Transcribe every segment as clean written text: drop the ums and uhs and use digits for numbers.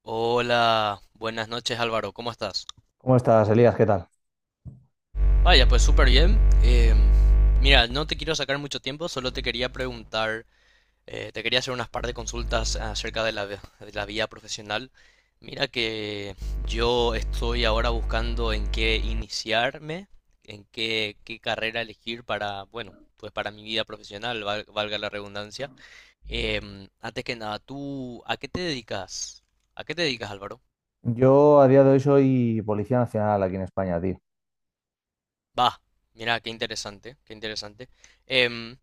Hola, buenas noches Álvaro, ¿cómo estás? ¿Cómo estás, Elías? ¿Qué tal? Vaya, pues súper bien. Mira, no te quiero sacar mucho tiempo, solo te quería preguntar, te quería hacer unas par de consultas acerca de la vida profesional. Mira que yo estoy ahora buscando en qué iniciarme, qué carrera elegir para, bueno, pues para mi vida profesional, valga la redundancia. Antes que nada, ¿tú a qué te dedicas? ¿A qué te dedicas, Álvaro? Yo a día de hoy soy policía nacional aquí en España, tío. Va, mira, qué interesante, qué interesante. Em,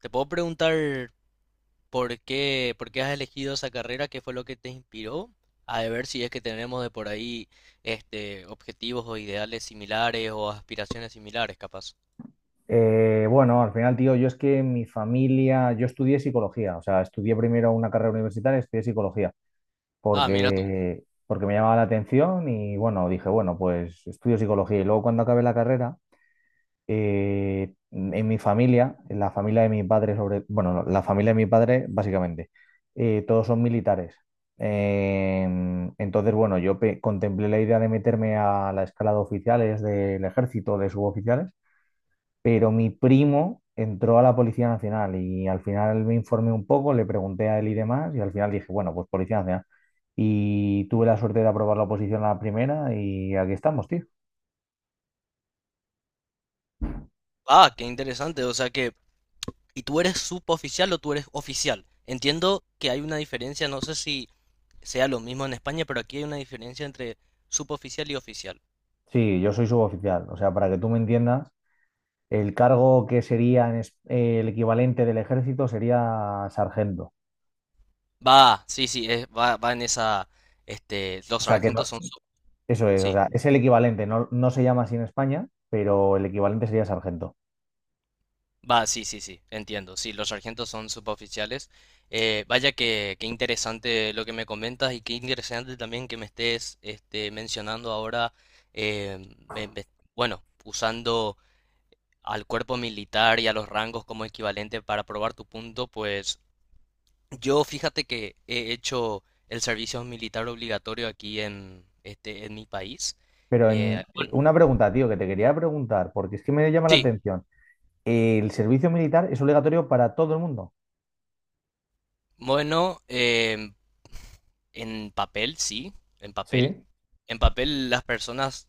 ¿Te puedo preguntar por qué has elegido esa carrera? ¿Qué fue lo que te inspiró? A ver si es que tenemos de por ahí este, objetivos o ideales similares o aspiraciones similares, capaz. Bueno, al final, tío, yo es que mi familia, yo estudié psicología, o sea, estudié primero una carrera universitaria, estudié psicología, Ah, mira tú. porque me llamaba la atención y bueno, dije, bueno, pues estudio psicología y luego cuando acabé la carrera, en mi familia, en la familia de mis padres, sobre, bueno, no, la familia de mis padres básicamente, todos son militares. Entonces, bueno, contemplé la idea de meterme a la escala de oficiales del ejército, de suboficiales, pero mi primo entró a la Policía Nacional y al final me informé un poco, le pregunté a él y demás, y al final dije, bueno, pues Policía Nacional. Y tuve la suerte de aprobar la oposición a la primera y aquí estamos, tío. Ah, qué interesante. O sea que, ¿y tú eres suboficial o tú eres oficial? Entiendo que hay una diferencia, no sé si sea lo mismo en España, pero aquí hay una diferencia entre suboficial y oficial. Sí, yo soy suboficial, o sea, para que tú me entiendas. El cargo que sería el equivalente del ejército sería sargento. Va, sí, sí, va, va en esa, este, O los sea que no, sargentos son, eso es, o sí, sea, es el equivalente, no, no se llama así en España, pero el equivalente sería sargento. va, sí, sí, sí, entiendo, sí, los sargentos son suboficiales. Vaya que, qué interesante lo que me comentas y qué interesante también que me estés, este, mencionando ahora, eh, me- me- bueno, usando al cuerpo militar y a los rangos como equivalente para probar tu punto, pues yo fíjate que he hecho el servicio militar obligatorio aquí en, este, en mi país. Pero Eh, en una pregunta, tío, que te quería preguntar, porque es que me llama la Sí, atención. ¿El servicio militar es obligatorio para todo el mundo? bueno, en papel sí, en papel. Sí. En papel las personas,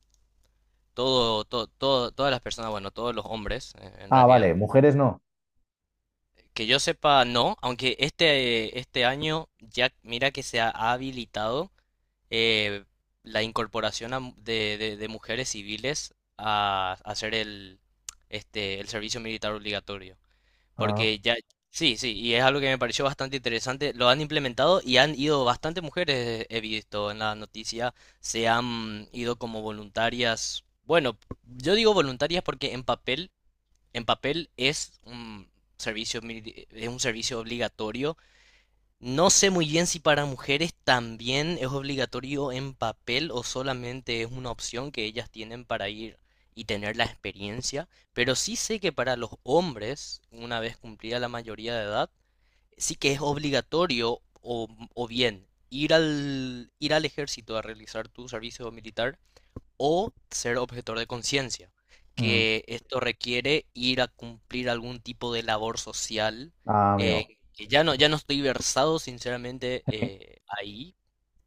todas las personas, bueno, todos los hombres en Ah, realidad, vale, mujeres no. que yo sepa no, aunque este año ya mira que se ha habilitado eh, la incorporación a de mujeres civiles a hacer el, este, el servicio militar obligatorio. Ah, Porque ya, sí, sí, y es algo que me pareció bastante interesante. Lo han implementado y han ido bastante mujeres, he visto en la noticia, se han ido como voluntarias. Bueno, yo digo voluntarias porque en papel es un es un servicio obligatorio, no sé muy bien si para mujeres también es obligatorio en papel o solamente es una opción que ellas tienen para ir y tener la experiencia, pero sí sé que para los hombres, una vez cumplida la mayoría de edad, sí que es obligatorio, o bien ir al ejército a realizar tu servicio militar o ser objetor de conciencia, mm. que esto requiere ir a cumplir algún tipo de labor social, Ah, amigo. que ya no, ya no estoy versado sinceramente Sí. Ahí.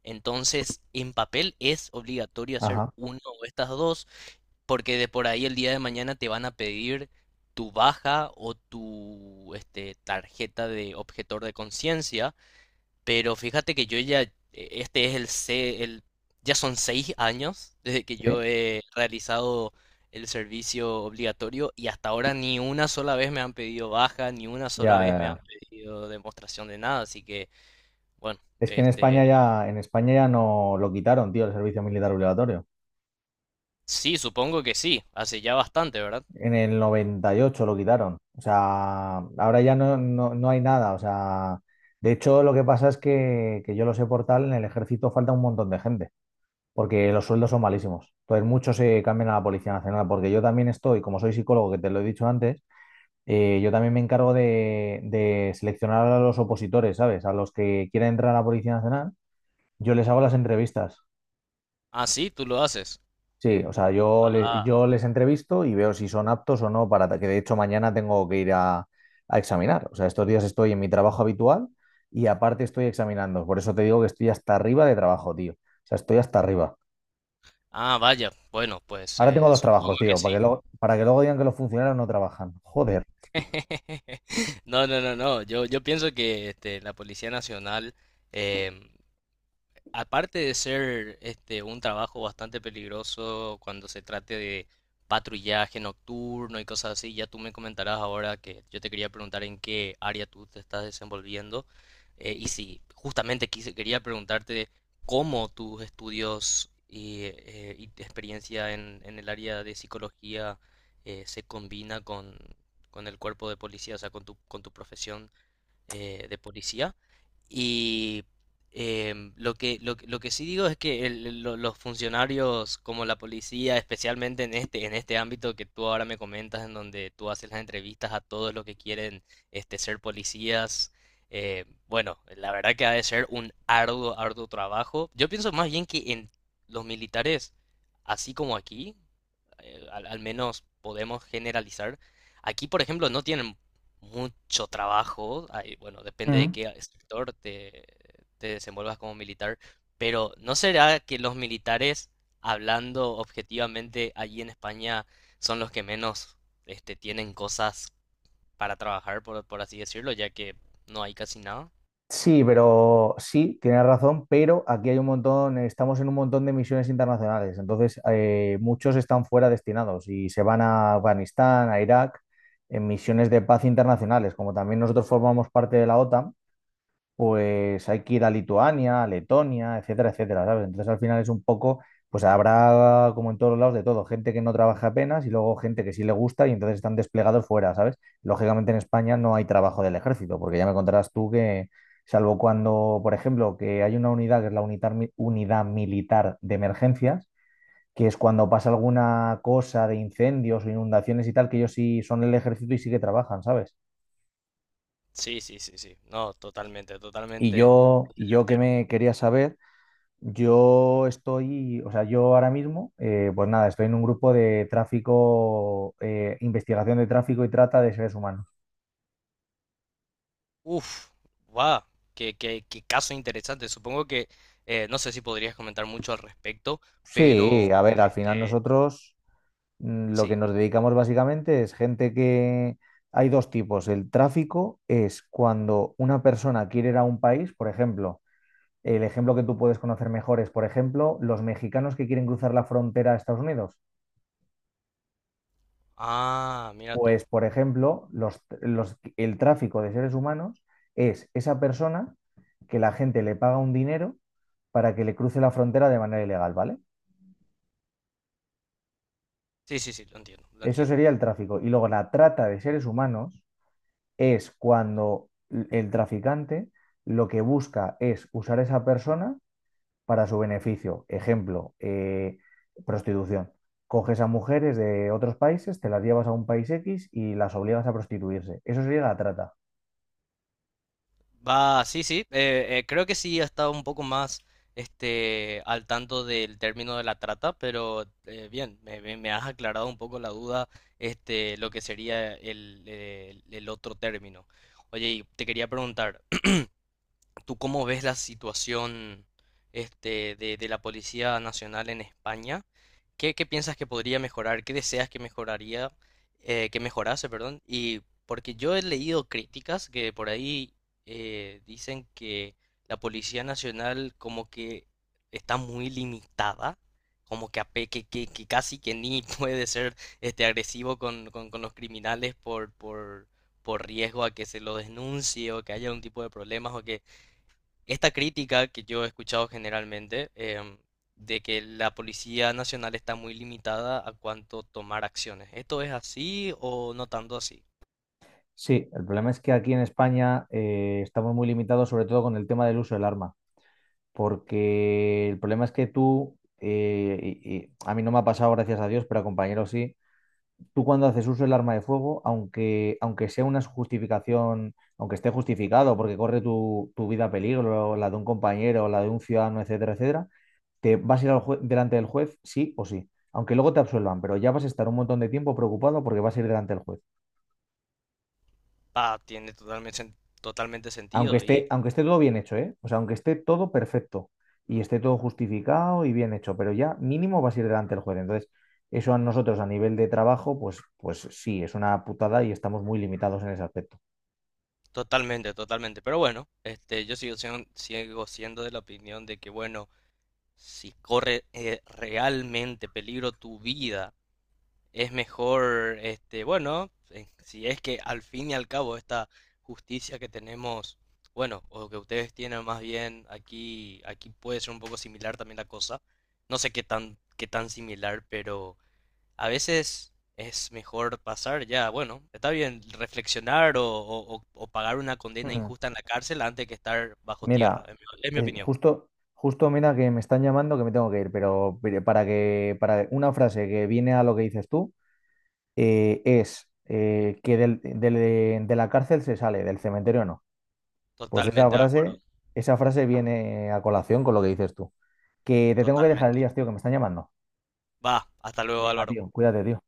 Entonces, en papel es obligatorio hacer Ajá. una o estas dos, porque de por ahí el día de mañana te van a pedir tu baja o tu este, tarjeta de objetor de conciencia, pero fíjate que yo ya, este es el, ya son 6 años desde que Sí. yo he realizado el servicio obligatorio y hasta ahora ni una sola vez me han pedido baja, ni una sola Ya, vez ya, me han ya. pedido demostración de nada, así que, bueno, Es que este, en España ya no lo quitaron, tío, el servicio militar obligatorio. sí, supongo que sí, hace ya bastante, ¿verdad? En el 98 lo quitaron. O sea, ahora ya no, no hay nada. O sea, de hecho, lo que pasa es que yo lo sé por tal, en el ejército falta un montón de gente, porque los sueldos son malísimos. Entonces, muchos se cambian a la Policía Nacional, porque yo también estoy, como soy psicólogo, que te lo he dicho antes, yo también me encargo de seleccionar a los opositores, ¿sabes? A los que quieren entrar a la Policía Nacional, yo les hago las entrevistas. Ah, sí, tú lo haces. Sí, o sea, Ah, yo les entrevisto y veo si son aptos o no para que de hecho mañana tengo que ir a examinar. O sea, estos días estoy en mi trabajo habitual y aparte estoy examinando. Por eso te digo que estoy hasta arriba de trabajo, tío. O sea, estoy hasta arriba. ah, vaya, bueno, pues Ahora tengo dos supongo trabajos, que tío, sí. Para que luego digan que los funcionarios no trabajan. Joder. No, no, no, no. Yo pienso que este, la Policía Nacional, em, aparte de ser este un trabajo bastante peligroso cuando se trate de patrullaje nocturno y cosas así, ya tú me comentarás ahora que yo te quería preguntar en qué área tú te estás desenvolviendo, y si justamente quería preguntarte cómo tus estudios y tu experiencia en el área de psicología se combina con el cuerpo de policía, o sea, con con tu profesión de policía. Y lo que sí digo es que los funcionarios como la policía, especialmente en este ámbito que tú ahora me comentas, en donde tú haces las entrevistas a todos los que quieren este, ser policías, bueno, la verdad que ha de ser un arduo, arduo trabajo. Yo pienso más bien que en los militares, así como aquí, al menos podemos generalizar. Aquí, por ejemplo, no tienen mucho trabajo, bueno, depende de Mm. qué sector te desenvuelvas como militar, pero ¿no será que los militares, hablando objetivamente allí en España, son los que menos este, tienen cosas para trabajar, por así decirlo, ya que no hay casi nada? Sí, pero sí, tienes razón, pero aquí hay un montón, estamos en un montón de misiones internacionales, entonces muchos están fuera destinados y se van a Afganistán, a Irak, en misiones de paz internacionales, como también nosotros formamos parte de la OTAN, pues hay que ir a Lituania, a Letonia, etcétera, etcétera, ¿sabes? Entonces al final es un poco, pues habrá como en todos los lados de todo, gente que no trabaja apenas y luego gente que sí le gusta y entonces están desplegados fuera, ¿sabes? Lógicamente en España no hay trabajo del ejército, porque ya me contarás tú que, salvo cuando, por ejemplo, que hay una unidad que es la unidad militar de emergencias, que es cuando pasa alguna cosa de incendios o inundaciones y tal, que ellos sí son el ejército y sí que trabajan, ¿sabes? Sí, sí, sí, sí, no, totalmente, Y totalmente yo, y yo que certero. me quería saber. Yo estoy, o sea, yo ahora mismo, pues nada, estoy en un grupo de tráfico, investigación de tráfico y trata de seres humanos. Uf, va, qué caso interesante. Supongo que no sé si podrías comentar mucho al respecto, Sí, pero a ver, al final este, nosotros lo sí. que nos dedicamos básicamente es gente que... Hay dos tipos. El tráfico es cuando una persona quiere ir a un país, por ejemplo, el ejemplo que tú puedes conocer mejor es, por ejemplo, los mexicanos que quieren cruzar la frontera a Estados Unidos. Ah, mira tú. Pues, por ejemplo, el tráfico de seres humanos es esa persona que la gente le paga un dinero para que le cruce la frontera de manera ilegal, ¿vale? Sí, sí, sí, lo entiendo, lo Eso entiendo. sería el tráfico. Y luego la trata de seres humanos es cuando el traficante lo que busca es usar a esa persona para su beneficio. Ejemplo, prostitución. Coges a mujeres de otros países, te las llevas a un país X y las obligas a prostituirse. Eso sería la trata. Va, sí, sí. Creo que sí ha estado un poco más este, al tanto del término de la trata, pero bien, me has aclarado un poco la duda, este, lo que sería el, el otro término. Oye, y te quería preguntar. ¿Tú cómo ves la situación este, de la Policía Nacional en España? Qué piensas que podría mejorar? ¿Qué deseas que mejoraría, que mejorase, perdón? Y porque yo he leído críticas que por ahí dicen que la Policía Nacional como que está muy limitada, como que, que casi que ni puede ser este, agresivo con los criminales por riesgo a que se lo denuncie o que haya un tipo de problemas o que esta crítica que yo he escuchado generalmente de que la Policía Nacional está muy limitada a cuanto tomar acciones. ¿Esto es así o no tanto así? Sí, el problema es que aquí en España estamos muy limitados, sobre todo con el tema del uso del arma, porque el problema es que tú, y a mí no me ha pasado, gracias a Dios, pero a compañeros sí, tú cuando haces uso del arma de fuego, aunque sea una justificación, aunque esté justificado, porque corre tu vida a peligro, la de un compañero, la de un ciudadano, etcétera, etcétera, te vas a ir delante del juez, sí o sí, aunque luego te absuelvan, pero ya vas a estar un montón de tiempo preocupado porque vas a ir delante del juez. Ah, tiene totalmente, totalmente sentido y Aunque esté todo bien hecho, ¿eh? O sea, aunque esté todo perfecto y esté todo justificado y bien hecho, pero ya mínimo vas a ir delante del juez. Entonces, eso a nosotros a nivel de trabajo, pues, pues sí, es una putada y estamos muy limitados en ese aspecto. totalmente, totalmente. Pero bueno, este, yo sigo, sigo siendo de la opinión de que, bueno, si corre realmente peligro tu vida, es mejor, este, bueno, si es que al fin y al cabo esta justicia que tenemos, bueno, o que ustedes tienen más bien aquí, aquí puede ser un poco similar también la cosa. No sé qué tan similar, pero a veces es mejor pasar ya, bueno, está bien reflexionar o pagar una condena Mm. injusta en la cárcel antes que estar bajo tierra, Mira, es es mi opinión. Justo mira que me están llamando que me tengo que ir, pero para una frase que viene a lo que dices tú, es que de la cárcel se sale, del cementerio no. Pues Totalmente de acuerdo, esa frase viene a colación con lo que dices tú. Que te tengo que dejar, totalmente. Elías, tío, que me están llamando. Va, hasta luego, Venga, Álvaro. tío, cuídate, tío.